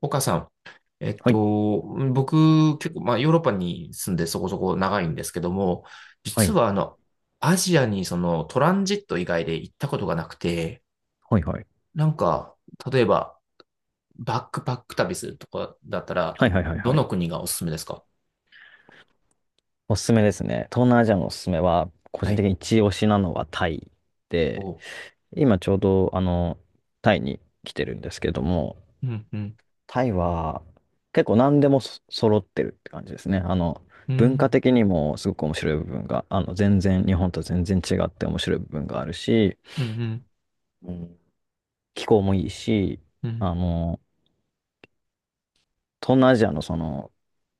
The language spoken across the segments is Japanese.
岡さん、えっはい、と、僕、結構、まあ、ヨーロッパに住んでそこそこ長いんですけども、は実い、は、アジアにそのトランジット以外で行ったことがなくて、はい、はい。なんか、例えば、バックパック旅するとかだったら、はい、はい、はい、どはのい。国がおすすめですか？おすすめですね。東南アジアのおすすめは、個は人い。的に一押しなのはタイおで、う。今ちょうど、タイに来てるんですけども、うん、うん、タイは結構何でも揃ってるって感じですね。う文化ん、的にもすごく面白い部分が、全然、日本と全然違って面白い部分があるし、うん、うん、うん気候もいいし、うん、あの、東南アジアのその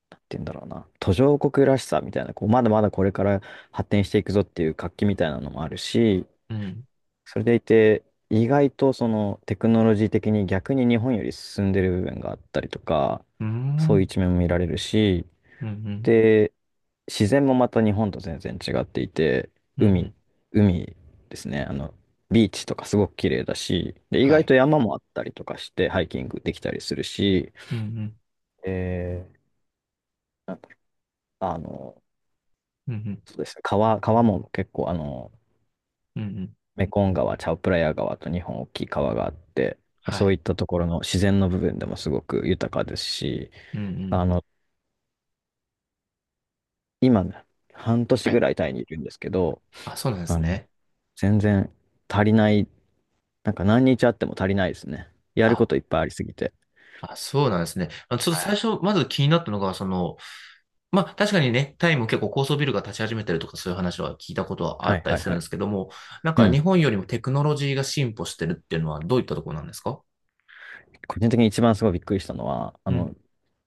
なんて言うんだろうな、途上国らしさみたいな、こう、まだまだこれから発展していくぞっていう活気みたいなのもあるし、うん、それでいて、意外とそのテクノロジー的に逆に日本より進んでる部分があったりとか、うそういうん、一面も見られるし、うん、で、自然もまた日本と全然違っていて、うん、う海、ん、海ですね、ビーチとかすごく綺麗だし、で、意は外い。と山もあったりとかして、ハイキングできたりするし、うん、うん、えー、なんかあの、うん、そうですね。川も結構、うん、うん、メコン川、チャオプラヤ川と日本大きい川があって、まあはそういい。ったところの自然の部分でもすごく豊かですし、うん、うん、あの、今ね、半は年ぐい。らいタイにいるんですけど、あ、そうなんですあの、ね。全然足りない、なんか何日あっても足りないですね。やることいっぱいありすぎて。あ、そうなんですね。あ、ちょっとは最い。初、まず気になったのが、その、まあ、確かにね、タイも結構高層ビルが立ち始めてるとか、そういう話は聞いたことはあはっいたはりいすはるんでい。すけども、なんうか日ん。本よりもテクノロジーが進歩してるっていうのはどういったところなんですか？個人的に一番すごいびっくりしたのは、あうん、の、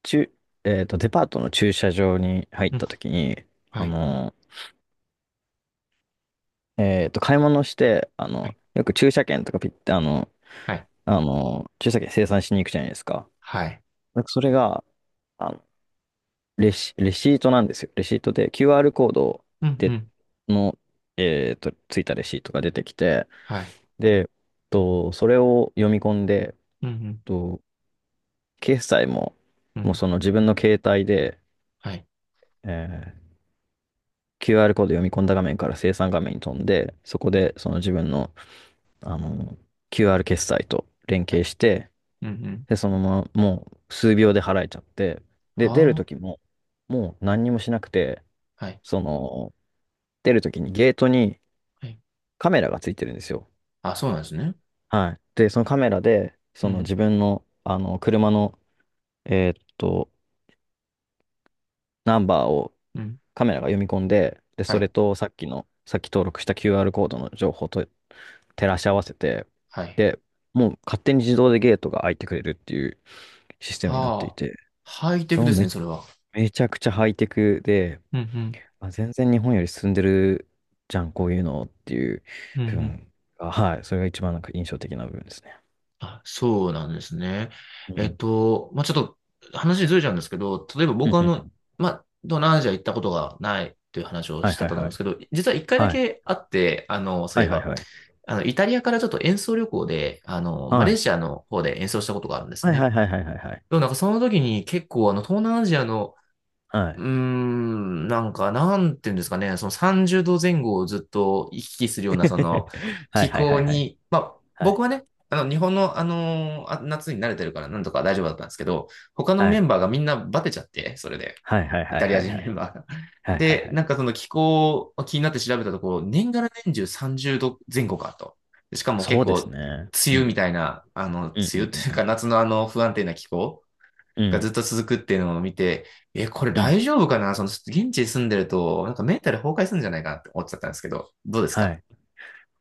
中、えっと、デパートの駐車場に入っうん、た時に、はあい、の、買い物して、はい、よく駐車券とかピッて、はい、駐車券生産しに行くじゃないですか。はい、なんかそれが、あの、レシートなんですよ。レシートで QR コードうん、うで、ん、のついたレシートが出てきて、はい、で、それを読み込んで、うん、と、決済も、うん、うもうん、その自分の携帯で、はい、えー QR コード読み込んだ画面から生産画面に飛んで、そこでその自分の、あの、QR 決済と連は携い、して、うん、うん、で、そのまま、もう数秒で払えちゃって、で、出るは時も、もう何にもしなくて、あ、はい、その、出る時にゲートにはい。カメラがついてるんですよ。あ、そうなんですね。はい。で、そのカメラで、うそのん、自分の、車の、えーっと、ナンバーをうん、カメラが読み込んで、で、はそい、れとさっき登録した QR コードの情報と照らし合わせて、はい。で、もう勝手に自動でゲートが開いてくれるっていうシステムになっていはあ、て、ハイテクもうですね、それは。めちゃくちゃハイテクで、うん、うん、まあ、全然日本より進んでるじゃん、こういうのっていううん、う部ん。分が、はい、それが一番なんか印象的な部分ですね。あ、そうなんですね。うん。まあ、ちょっと話ずれちゃうんですけど、例えばう僕んはあうんうの、ん。まあ、東南アジア行ったことがないという話をはしいてたはいと思うんはですい。けど、実は一回だはい。けあって、あの、そうはいいえはいば、はい。イタリアからちょっと演奏旅行で、マはレーい。シアの方で演奏したことがあるんですはいね。はいはいはいはいはい。でもなんかその時に結構あの、東南アジアの、はうい。ーん、なんか、なんていうんですかね、その30度前後をずっと行き来するような、その はい気はいは候いはい。に、まあ、はい。僕はね、日本の、夏に慣れてるから、なんとか大丈夫だったんですけど、他のはメい。ンバーがみんなバテちゃって、それで、はいはいイはタいリアはい人はメンい。バーが。はいはいで、はい。なんかその気候を気になって調べたところ、年がら年中30度前後かと。しかもそ結うです構、ね。梅う雨みん。たいな、うんう梅雨というんうかん夏のあの不安定な気候うん。がうずっん。と続くっていうのを見て、え、これうん。大丈夫かなその、現地に住んでると、なんかメンタル崩壊するんじゃないかなって思っちゃったんですけど、どうですはか？い。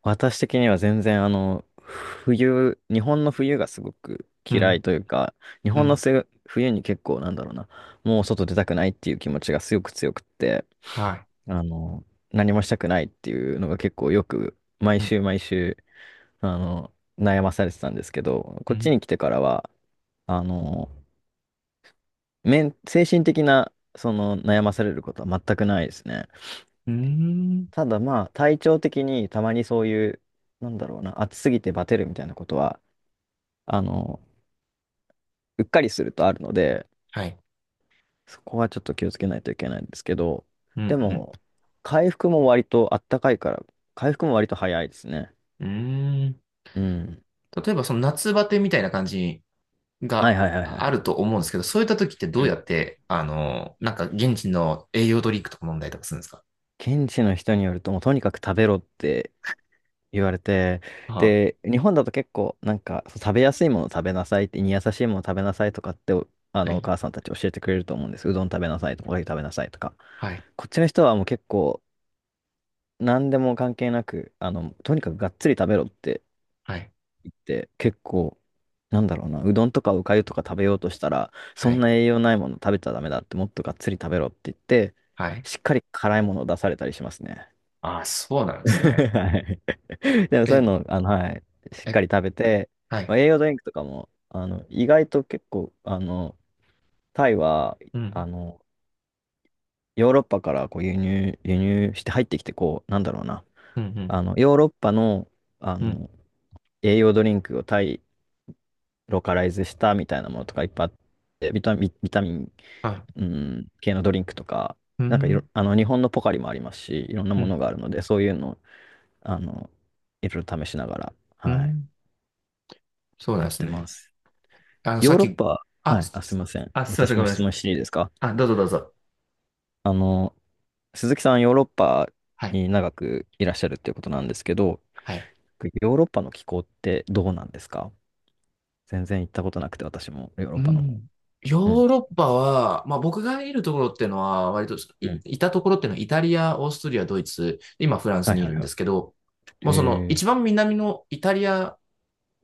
私的には全然日本の冬がすごくう嫌ん、いというか、日う本のん、冬に結構なんだろうな、もう外出たくないっていう気持ちがすごく強くって、はい。あの、何もしたくないっていうのが結構よく、毎うん、週毎週、あの、悩まされてたんですけど、うこっちん、に来てからは、あの、精神的な、その悩まされることは全くないですね。うーん。ただまあ、体調的にたまにそういう、なんだろうな、暑すぎてバテるみたいなことは、あの、うっかりするとあるので、はい。そこはちょっと気をつけないといけないんですけど、うでん、も、回復も割とあったかいから、回復も割と早いですね。うん。うーん。うん。例えば、その夏バテみたいな感じはいがはいはいはいあはい。ると思うんですけど、そういった時ってどううやん。って、なんか現地の栄養ドリンクとか飲んだりとかするんですか？現地の人によると、もうとにかく食べろって言われて、あ、で、日本だと結構、なんか、そう食べやすいもの食べなさいって、胃に優しいもの食べなさいとかって、おあはの、おい、母さんたち教えてくれると思うんです。うどん食べなさいとか、おかゆ食べなさいとか。はい、こっちの人はもう結構、何でも関係なく、とにかくがっつり食べろってはい、って結構、なんだろうな、うどんとかおかゆとか食べようとしたら、そはんい、な栄養ないもの食べちゃダメだって、もっとがっつり食べろって言って、はい。しっかり辛いものを出されたりしますね。ああ、そうなん ですね。はい。でもそうえ、いうの、はい、しっえ、かり食べて、はまい。あ、栄養ドリンクとかも、意外と結構、タイは、うあん、の、ヨーロッパからこう輸入して入ってきて、こう、なんだろうな、うん、うん。ヨーロッパの、あうん。の、栄養ドリンクをタイローカライズしたみたいなものとかいっぱいあって、ビタミン、ビタミン、はい。うん、系のドリンクとか、うなんかいろ、ん。あの、日本のポカリもありますし、いろんなうもん。のがあるので、そういうのを、あの、いろいろ試しながら、うはい、ん。そうなんやでっすてね。ます。あの、さヨっーロッき、パ、はあ、い、あ、すすいません。あ、すいません、私ごもめんな質さい。問していいですか？あ、どうぞどうぞ。あの、鈴木さん、ヨーロッパはい。に長くいらっしゃるっていうことなんですけど、はい。ヨーロッパの気候ってどうなんですか？全然行ったことなくて、私もヨーロッうパの方。ん。ヨうん。ーロッパは、まあ僕がいるところっていうのは、割と、いうん。いたところっていうのはイタリア、オーストリア、ドイツ、今フランスはいにいはるいんではすけど、もい。うそのへ一番南のイタリア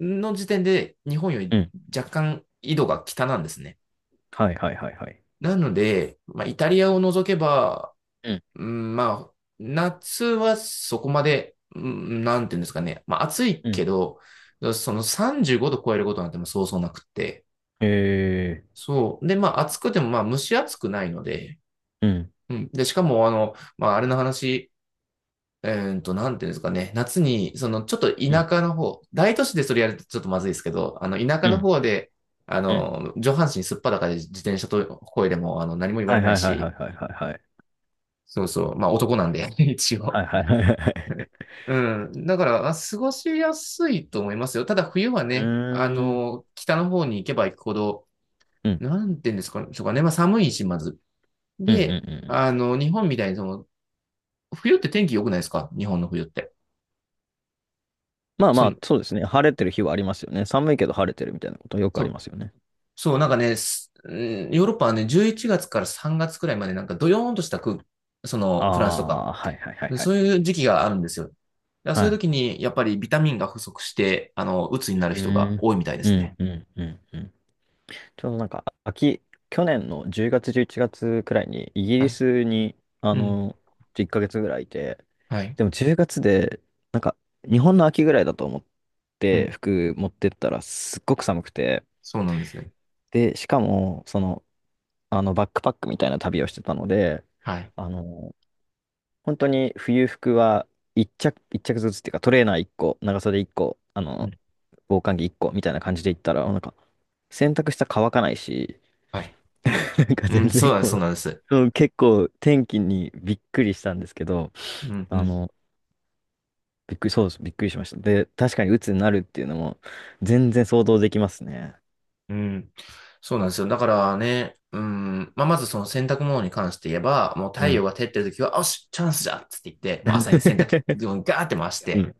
の時点で日本よりえ。若干緯度が北なんですね。はいはいはいはい。なので、まあ、イタリアを除けば、うんうん、まあ、夏はそこまで、うん、なんていうんですかね。まあ、暑いうけん。ど、その35度超えることなんてもうそうそうなくって。えー。そう。で、まあ、暑くても、まあ、蒸し暑くないので、うんうん。で、しかも、まあ、あれの話、えなんていうんですかね。夏に、その、ちょっとう田ん舎の方、大都市でそれやるとちょっとまずいですけど、田舎うのん方で、うん。上半身すっぱだかで自転車と声でも、何も言わはれいなはいいはいはし、いはいはいはい。そうそう。まあ、男なんで、一は応。いはいはいはいはい。うん。だから、あ過ごしやすいと思いますよ。ただ、冬はうね、ーん北の方に行けば行くほど、うんなんていうんですかそうかね。まあ、寒いし、まず。うんうんうで、ん。日本みたいに、その、冬って天気良くないですか？日本の冬って。まあそまの、あ、そうですね。晴れてる日はありますよね。寒いけど晴れてるみたいなことよくあそりう、ますよね。そう、なんかね、すうんヨーロッパはね、11月から3月くらいまで、なんかドヨーンとした空、そあの、フランスとか、あ、はいはいはいはい。そういう時期があるんですよ。だからそはういうい。時に、やっぱりビタミンが不足して、鬱にうなる人がーん多いみたいでうすね。んうんうんうん。ちょうどなんか、去年の10月、11月くらいに、イギはリい。スに、あうん。の、1ヶ月ぐらいいて、はい。でも10月で、なんか、日本の秋ぐらいだと思っうて、ん。服持ってったら、すっごく寒くて、そうなんですね。で、しかも、バックパックみたいな旅をしてたので、はい。あの、本当に冬服は一着、一着ずつっていうか、トレーナー1個、長袖1個、うん、防寒着1個みたいな感じで行ったら、なんか、洗濯したら乾かないし、はい。なんかう全ん、そう然なんでこす、そう、うなんです。そう、結構天気にびっくりしたんですけど、うん、うあん、の、びっくり、そうです、びっくりしました。で、確かに鬱になるっていうのも全然想像できますね。うん。そうなんですよ。だからね、うん、まあ、まずその洗濯物に関して言えば、もうう太陽ん。が照ってる時は、よし、チャンスじゃっつって言って、もう朝に洗濯機をガーって回し うて、ん。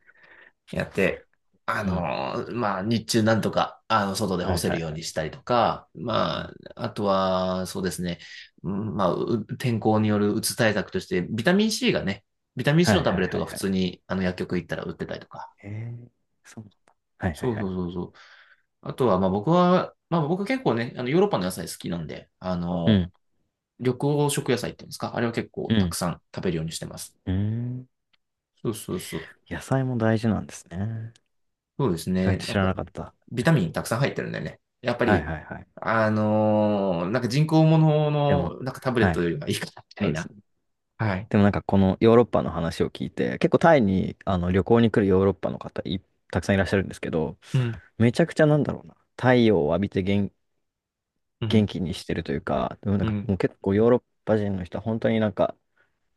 やって、あうん。のーまあ、日中なんとか、外では干いせはいはるようにしい。たりとか、うまん。あ、あとは、そうですね、うんまあ、う天候によるうつ対策として、ビタミン C がね、ビタミはン C のいタブはいレッはトいが普はい。通に、薬局行ったら売ってたりとか、へえ、そうなんだ。はいはそいうはそうい。そうそう。あとは、まあ僕は、まあ僕結構ね、あのヨーロッパの野菜好きなんで、うん。緑黄色野菜っていうんですか、あれは結構うたくん。さん食べるようにしてます。うーん。そうそうそう。野菜も大事なんですね。そうです意外ね。とや知っらぱ、なかった。はビタミンたくさん入ってるんだよね。やっぱいはいり、はい。あのーなんか人工物でも、の、なんかタブレッはトい。よりはいいかな、みたいな。はい。でもなんかこのヨーロッパの話を聞いて、結構タイに旅行に来るヨーロッパのたくさんいらっしゃるんですけど、うん、めちゃくちゃなんだろうな、太陽を浴びて元、う元ん、気にしてるというか、でもなんうかん。もう結構ヨーロッパ人の人は本当になんか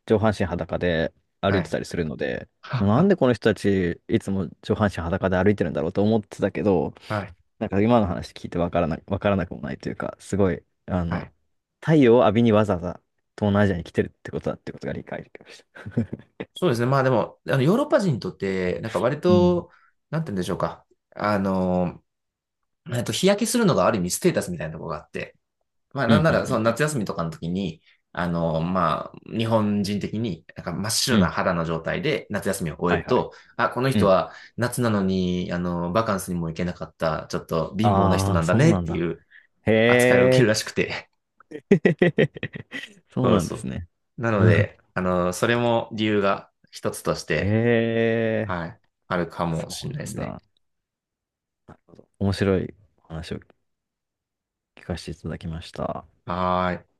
上半身裸で歩はいてい。たりするので、は、なんは、でこの人たちいつも上半身裸で歩いてるんだろうと思ってたけど、はい、なんか今の話聞いてわからなくもないというか、すごい、はい。太陽を浴びにわざわざ東南アジアに来てるってことだってことが理解できました。そうですね。まあでも、ヨーロッパ人にとって、なんか割うんと、なんて言うんでしょうか。あのー日焼けするのがある意味ステータスみたいなところがあって、まあ、うなんんなうら、そのんうん夏休みとかの時に、まあ、日本人的に、なんか真っう白ん。うなん。肌の状態で夏休みを終えはるいはい。と、あ、このう人ん。は夏なのに、バカンスにも行けなかった、ちょっと貧乏な人あなあ、んだそうねっなんてだ。いうへ扱いを受けるえ、らしくて。そうそうなんそですう。ね。な のうん。で、それも理由が一つとしへて、え、はい、あるかそもしれうないなでんすね。だ。なるほど。面白いお話を聞かせていただきました。はーい。